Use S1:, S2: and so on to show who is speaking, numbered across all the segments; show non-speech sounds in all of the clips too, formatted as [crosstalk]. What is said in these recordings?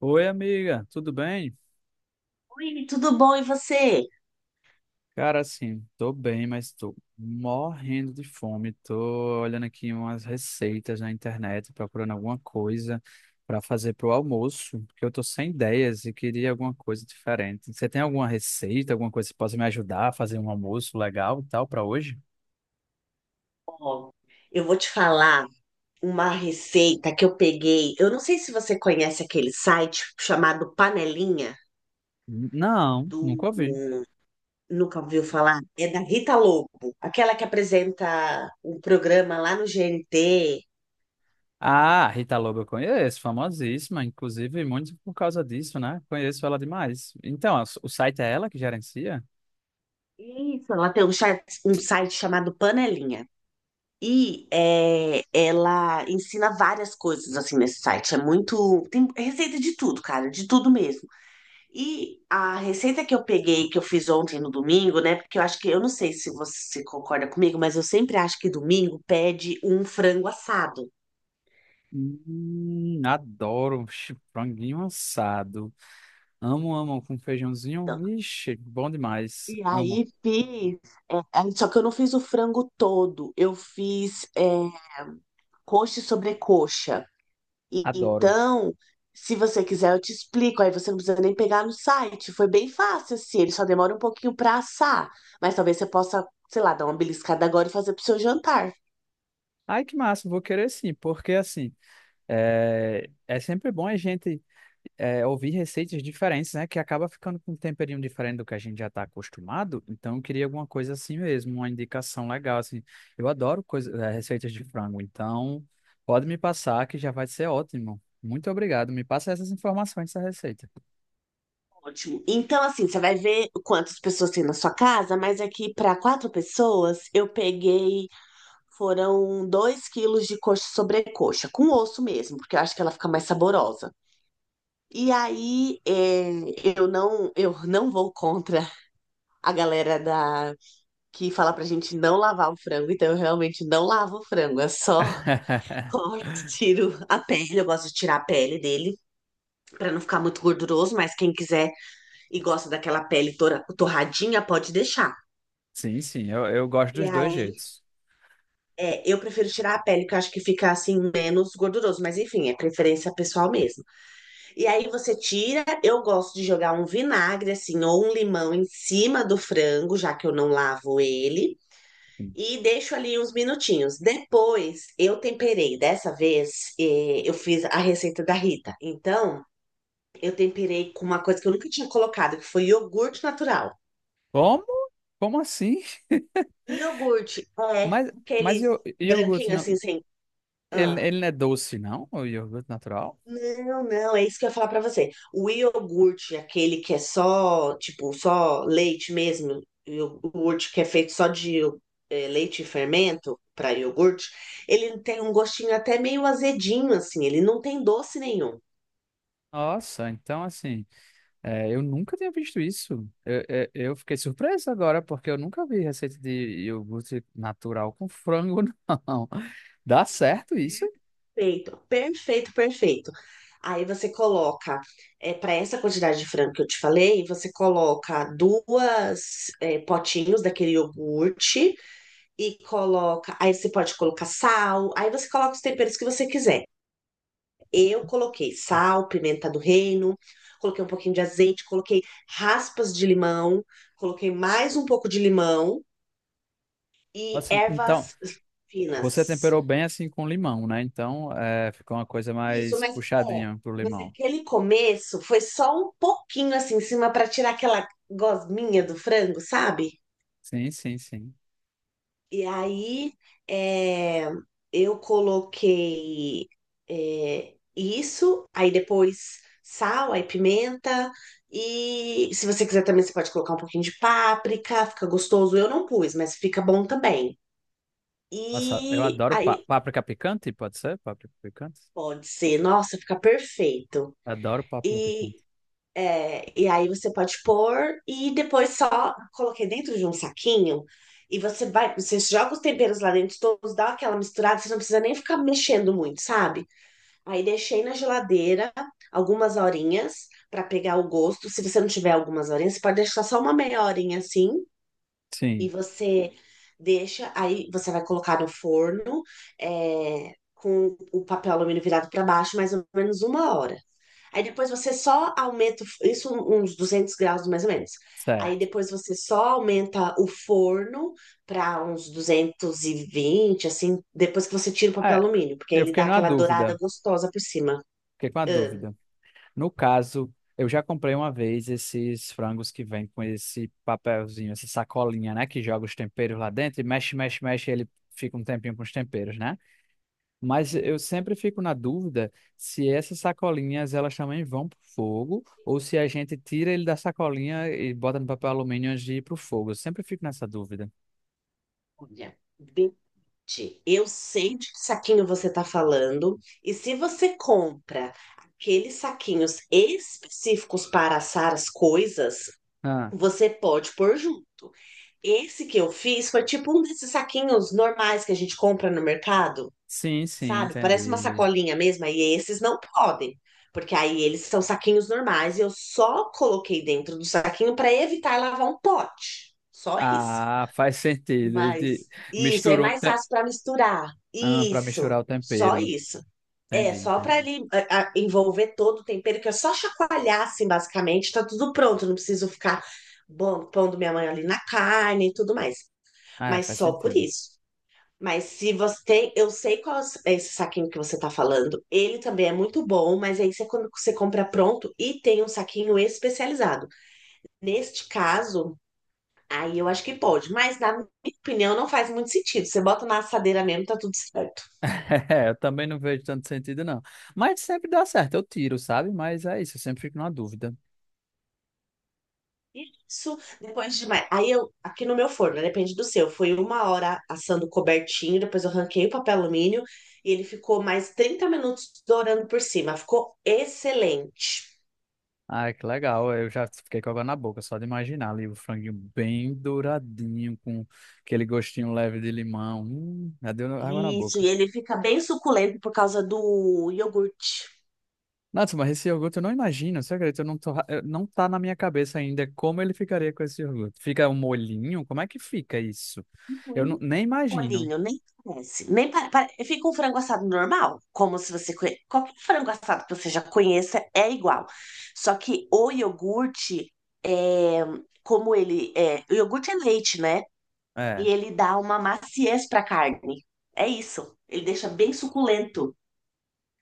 S1: Oi, amiga, tudo bem?
S2: Oi, tudo bom? E você?
S1: Cara, assim, tô bem, mas tô morrendo de fome. Tô olhando aqui umas receitas na internet, procurando alguma coisa para fazer pro almoço, porque eu tô sem ideias e queria alguma coisa diferente. Você tem alguma receita, alguma coisa que possa me ajudar a fazer um almoço legal e tal para hoje?
S2: Ó, eu vou te falar uma receita que eu peguei. Eu não sei se você conhece aquele site chamado Panelinha
S1: Não, nunca
S2: do.
S1: ouvi.
S2: Nunca ouviu falar? É da Rita Lobo, aquela que apresenta um programa lá no GNT.
S1: Ah, Rita Lobo eu conheço, famosíssima, inclusive muito por causa disso, né? Conheço ela demais. Então, o site é ela que gerencia?
S2: Isso, ela tem um, um site chamado Panelinha. E é, ela ensina várias coisas assim nesse site. É muito. Tem receita de tudo, cara, de tudo mesmo. E a receita que eu peguei, que eu fiz ontem no domingo, né? Porque eu acho que, eu não sei se você concorda comigo, mas eu sempre acho que domingo pede um frango assado.
S1: Adoro. Vixe, franguinho assado. Amo, amo com feijãozinho.
S2: Então,
S1: Vixe, bom demais.
S2: e
S1: Amo,
S2: aí fiz, só que eu não fiz o frango todo, eu fiz coxa e sobrecoxa. E
S1: adoro.
S2: então, se você quiser, eu te explico. Aí você não precisa nem pegar no site. Foi bem fácil, assim, ele só demora um pouquinho pra assar. Mas talvez você possa, sei lá, dar uma beliscada agora e fazer pro seu jantar.
S1: Ai, que massa, vou querer sim, porque assim, é sempre bom a gente, é, ouvir receitas diferentes, né? Que acaba ficando com um temperinho diferente do que a gente já está acostumado. Então, eu queria alguma coisa assim mesmo, uma indicação legal, assim. Eu adoro coisa, é, receitas de frango, então pode me passar que já vai ser ótimo. Muito obrigado. Me passa essas informações dessa receita.
S2: Ótimo. Então, assim, você vai ver quantas pessoas tem na sua casa, mas aqui para 4 pessoas eu peguei, foram 2 quilos de coxa sobrecoxa, com osso mesmo, porque eu acho que ela fica mais saborosa. E aí, é, eu não vou contra a galera da que fala pra gente não lavar o frango, então eu realmente não lavo o frango, é só [laughs]
S1: [laughs]
S2: corto, tiro a pele, eu gosto de tirar a pele dele pra não ficar muito gorduroso, mas quem quiser e gosta daquela pele torradinha, pode deixar.
S1: Sim, sim, eu gosto
S2: E
S1: dos dois
S2: aí,
S1: jeitos.
S2: é, eu prefiro tirar a pele, porque eu acho que fica assim menos gorduroso, mas enfim, é preferência pessoal mesmo. E aí você tira, eu gosto de jogar um vinagre assim ou um limão em cima do frango, já que eu não lavo ele.
S1: Sim.
S2: E deixo ali uns minutinhos. Depois eu temperei. Dessa vez eu fiz a receita da Rita. Então eu temperei com uma coisa que eu nunca tinha colocado, que foi iogurte natural.
S1: Como? Como assim? [laughs]
S2: Iogurte, é,
S1: Mas, mas
S2: aqueles
S1: eu, iogurte
S2: branquinhos
S1: não,
S2: assim, sem.
S1: ele,
S2: Ah.
S1: ele não é doce, não? O iogurte natural?
S2: Não, não, é isso que eu ia falar pra você. O iogurte, aquele que é só, tipo, só leite mesmo, iogurte que é feito só de leite e fermento para iogurte, ele tem um gostinho até meio azedinho, assim, ele não tem doce nenhum.
S1: Nossa, então assim, é, eu nunca tinha visto isso. Eu fiquei surpreso agora, porque eu nunca vi receita de iogurte natural com frango, não. [laughs] Dá certo isso?
S2: Perfeito, perfeito, perfeito. Aí você coloca, para essa quantidade de frango que eu te falei, você coloca duas é, potinhos daquele iogurte e coloca. Aí você pode colocar sal, aí você coloca os temperos que você quiser. Eu coloquei sal, pimenta do reino, coloquei um pouquinho de azeite, coloquei raspas de limão, coloquei mais um pouco de limão e
S1: Assim, então,
S2: ervas
S1: você
S2: finas.
S1: temperou bem assim com limão, né? Então, é, ficou uma coisa
S2: Isso,
S1: mais
S2: mas é,
S1: puxadinha pro
S2: mas
S1: limão.
S2: aquele começo foi só um pouquinho assim em cima para tirar aquela gosminha do frango, sabe?
S1: Sim, sim, sim.
S2: E aí é, eu coloquei isso, aí depois sal, aí pimenta. E se você quiser também, você pode colocar um pouquinho de páprica, fica gostoso. Eu não pus, mas fica bom também.
S1: Nossa, eu
S2: E
S1: adoro
S2: aí
S1: páprica picante, pode ser? Páprica picante?
S2: pode ser, nossa, fica perfeito.
S1: Adoro páprica
S2: E
S1: picante.
S2: é, e aí você pode pôr e depois só coloquei dentro de um saquinho e você vai, você joga os temperos lá dentro todos, dá aquela misturada, você não precisa nem ficar mexendo muito, sabe? Aí deixei na geladeira algumas horinhas para pegar o gosto. Se você não tiver algumas horinhas, você pode deixar só uma meia horinha assim. E
S1: Sim,
S2: você deixa, aí você vai colocar no forno, é, com o papel alumínio virado para baixo, mais ou menos 1 hora. Aí depois você só aumenta, isso uns 200 graus mais ou menos. Aí
S1: certo.
S2: depois você só aumenta o forno para uns 220 assim, depois que você tira o papel
S1: É,
S2: alumínio, porque aí
S1: eu
S2: ele
S1: fiquei
S2: dá
S1: numa
S2: aquela dourada
S1: dúvida.
S2: gostosa por cima.
S1: Fiquei com uma dúvida. No caso, eu já comprei uma vez esses frangos que vem com esse papelzinho, essa sacolinha, né? Que joga os temperos lá dentro e mexe, mexe, mexe, e ele fica um tempinho com os temperos, né? Mas
S2: Ah,
S1: eu sempre fico na dúvida se essas sacolinhas elas também vão pro fogo ou se a gente tira ele da sacolinha e bota no papel alumínio antes de ir pro fogo. Eu sempre fico nessa dúvida.
S2: olha, gente, eu sei de que saquinho você está falando, e se você compra aqueles saquinhos específicos para assar as coisas,
S1: Ah,
S2: você pode pôr junto. Esse que eu fiz foi tipo um desses saquinhos normais que a gente compra no mercado,
S1: sim, sim,
S2: sabe? Parece uma
S1: entendi.
S2: sacolinha mesmo, e esses não podem, porque aí eles são saquinhos normais e eu só coloquei dentro do saquinho para evitar lavar um pote. Só isso.
S1: Ah, faz sentido. E de-
S2: Mas isso é
S1: Misturou o
S2: mais
S1: te...
S2: fácil para misturar.
S1: ah, para
S2: Isso,
S1: misturar o
S2: só
S1: tempero.
S2: isso. É,
S1: Entendi,
S2: só para
S1: entendi.
S2: ele envolver todo o tempero, que é só chacoalhar, assim, basicamente, tá tudo pronto, não preciso ficar bom, pondo minha mãe ali na carne e tudo mais.
S1: Ah, é,
S2: Mas
S1: faz
S2: só por
S1: sentido.
S2: isso.
S1: [laughs]
S2: Mas se você tem, eu sei qual é esse saquinho que você tá falando. Ele também é muito bom, mas aí você, quando você compra pronto e tem um saquinho especializado. Neste caso, aí eu acho que pode, mas na minha opinião não faz muito sentido. Você bota na assadeira mesmo, tá tudo certo.
S1: É, eu também não vejo tanto sentido, não. Mas sempre dá certo, eu tiro, sabe? Mas é isso, eu sempre fico na dúvida.
S2: Isso, depois de mais. Aí eu, aqui no meu forno, né, depende do seu, foi 1 hora assando cobertinho, depois eu arranquei o papel alumínio e ele ficou mais 30 minutos dourando por cima. Ficou excelente.
S1: Ai, que legal. Eu já fiquei com água na boca, só de imaginar ali o franguinho bem douradinho, com aquele gostinho leve de limão. Já deu água na
S2: Isso,
S1: boca.
S2: e ele fica bem suculento por causa do iogurte.
S1: Nossa, mas esse iogurte eu não imagino, você acredita? Eu não tô, eu- não tá na minha cabeça ainda como ele ficaria com esse iogurte. Fica um molhinho? Como é que fica isso? Eu não- nem imagino.
S2: Molinho, nem parece. Nem pare- pare- Fica um frango assado normal, como se você conhe... qualquer frango assado que você já conheça é igual. Só que o iogurte é como ele é, o iogurte é leite, né? E
S1: É.
S2: ele dá uma maciez para a carne. É isso. Ele deixa bem suculento.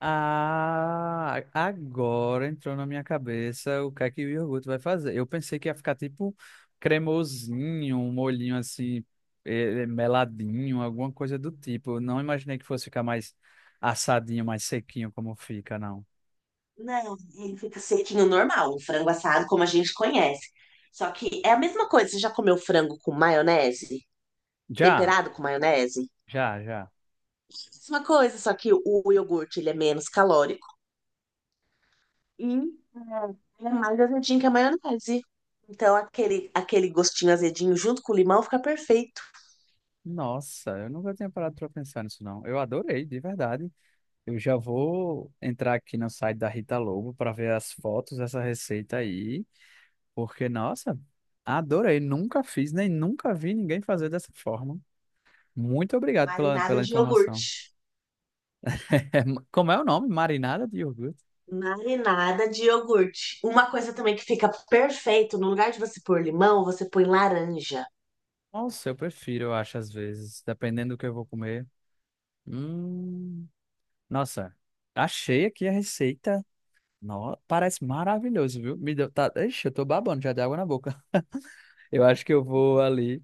S1: Ah, agora entrou na minha cabeça o que é que o iogurte vai fazer. Eu pensei que ia ficar tipo cremosinho, um molhinho assim, meladinho, alguma coisa do tipo. Eu não imaginei que fosse ficar mais assadinho, mais sequinho como fica, não.
S2: Não, ele fica sequinho normal, um frango assado como a gente conhece. Só que é a mesma coisa. Você já comeu frango com maionese?
S1: Já,
S2: Temperado com maionese?
S1: já, já.
S2: Mesma coisa, só que o iogurte ele é menos calórico e ele é mais azedinho que a maionese. Então aquele, aquele gostinho azedinho junto com o limão fica perfeito.
S1: Nossa, eu nunca tinha parado para pensar nisso, não. Eu adorei, de verdade. Eu já vou entrar aqui no site da Rita Lobo para ver as fotos dessa receita aí. Porque, nossa, adorei. Nunca fiz, nem nunca vi ninguém fazer dessa forma. Muito
S2: A
S1: obrigado pela,
S2: marinada
S1: pela
S2: de
S1: informação. [laughs]
S2: iogurte.
S1: É, ma- como é o nome? Marinada de iogurte?
S2: Marinada de iogurte. Uma coisa também que fica perfeito, no lugar de você pôr limão, você põe laranja.
S1: Nossa, eu prefiro, eu acho, às vezes, dependendo do que eu vou comer. Hum, nossa, achei aqui a receita. No, parece maravilhoso, viu? Me deu, tá, ixi, eu tô babando já de água na boca. [laughs] Eu acho que eu vou ali,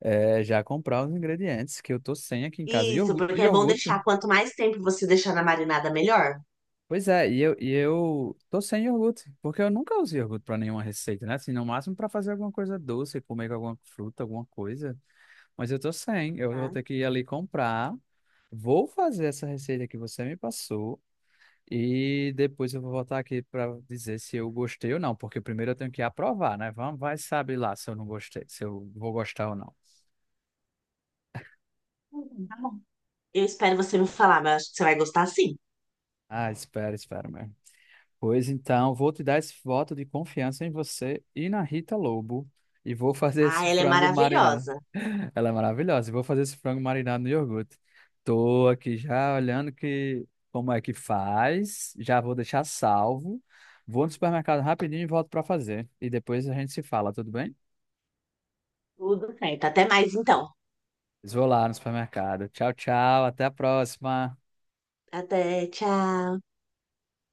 S1: é, já comprar os ingredientes que eu tô sem aqui em casa.
S2: Isso, porque é bom
S1: Iogurte,
S2: deixar. Quanto mais tempo você deixar na marinada, melhor.
S1: pois é, e eu tô sem iogurte, porque eu nunca usei iogurte pra nenhuma receita, né? Assim, no máximo pra fazer alguma coisa doce, comer com alguma fruta, alguma coisa. Mas eu tô sem, eu vou
S2: Tá?
S1: ter que ir ali comprar. Vou fazer essa receita que você me passou e depois eu vou voltar aqui pra dizer se eu gostei ou não, porque primeiro eu tenho que aprovar, né? Vamos, vai saber lá se eu não gostei, se eu vou gostar ou não.
S2: Tá bom. Eu espero você me falar, mas eu acho que você vai gostar sim.
S1: Ah, espera, espera mesmo. Pois então, vou te dar esse voto de confiança em você e na Rita Lobo. E vou fazer
S2: Ah,
S1: esse
S2: ela é
S1: frango marinado.
S2: maravilhosa.
S1: [laughs] Ela é maravilhosa. E vou fazer esse frango marinado no iogurte. Tô aqui já olhando que como é que faz. Já vou deixar salvo. Vou no supermercado rapidinho e volto para fazer. E depois a gente se fala, tudo bem?
S2: Tudo certo. Até mais então.
S1: Vou lá no supermercado. Tchau, tchau. Até a próxima.
S2: Até, tchau.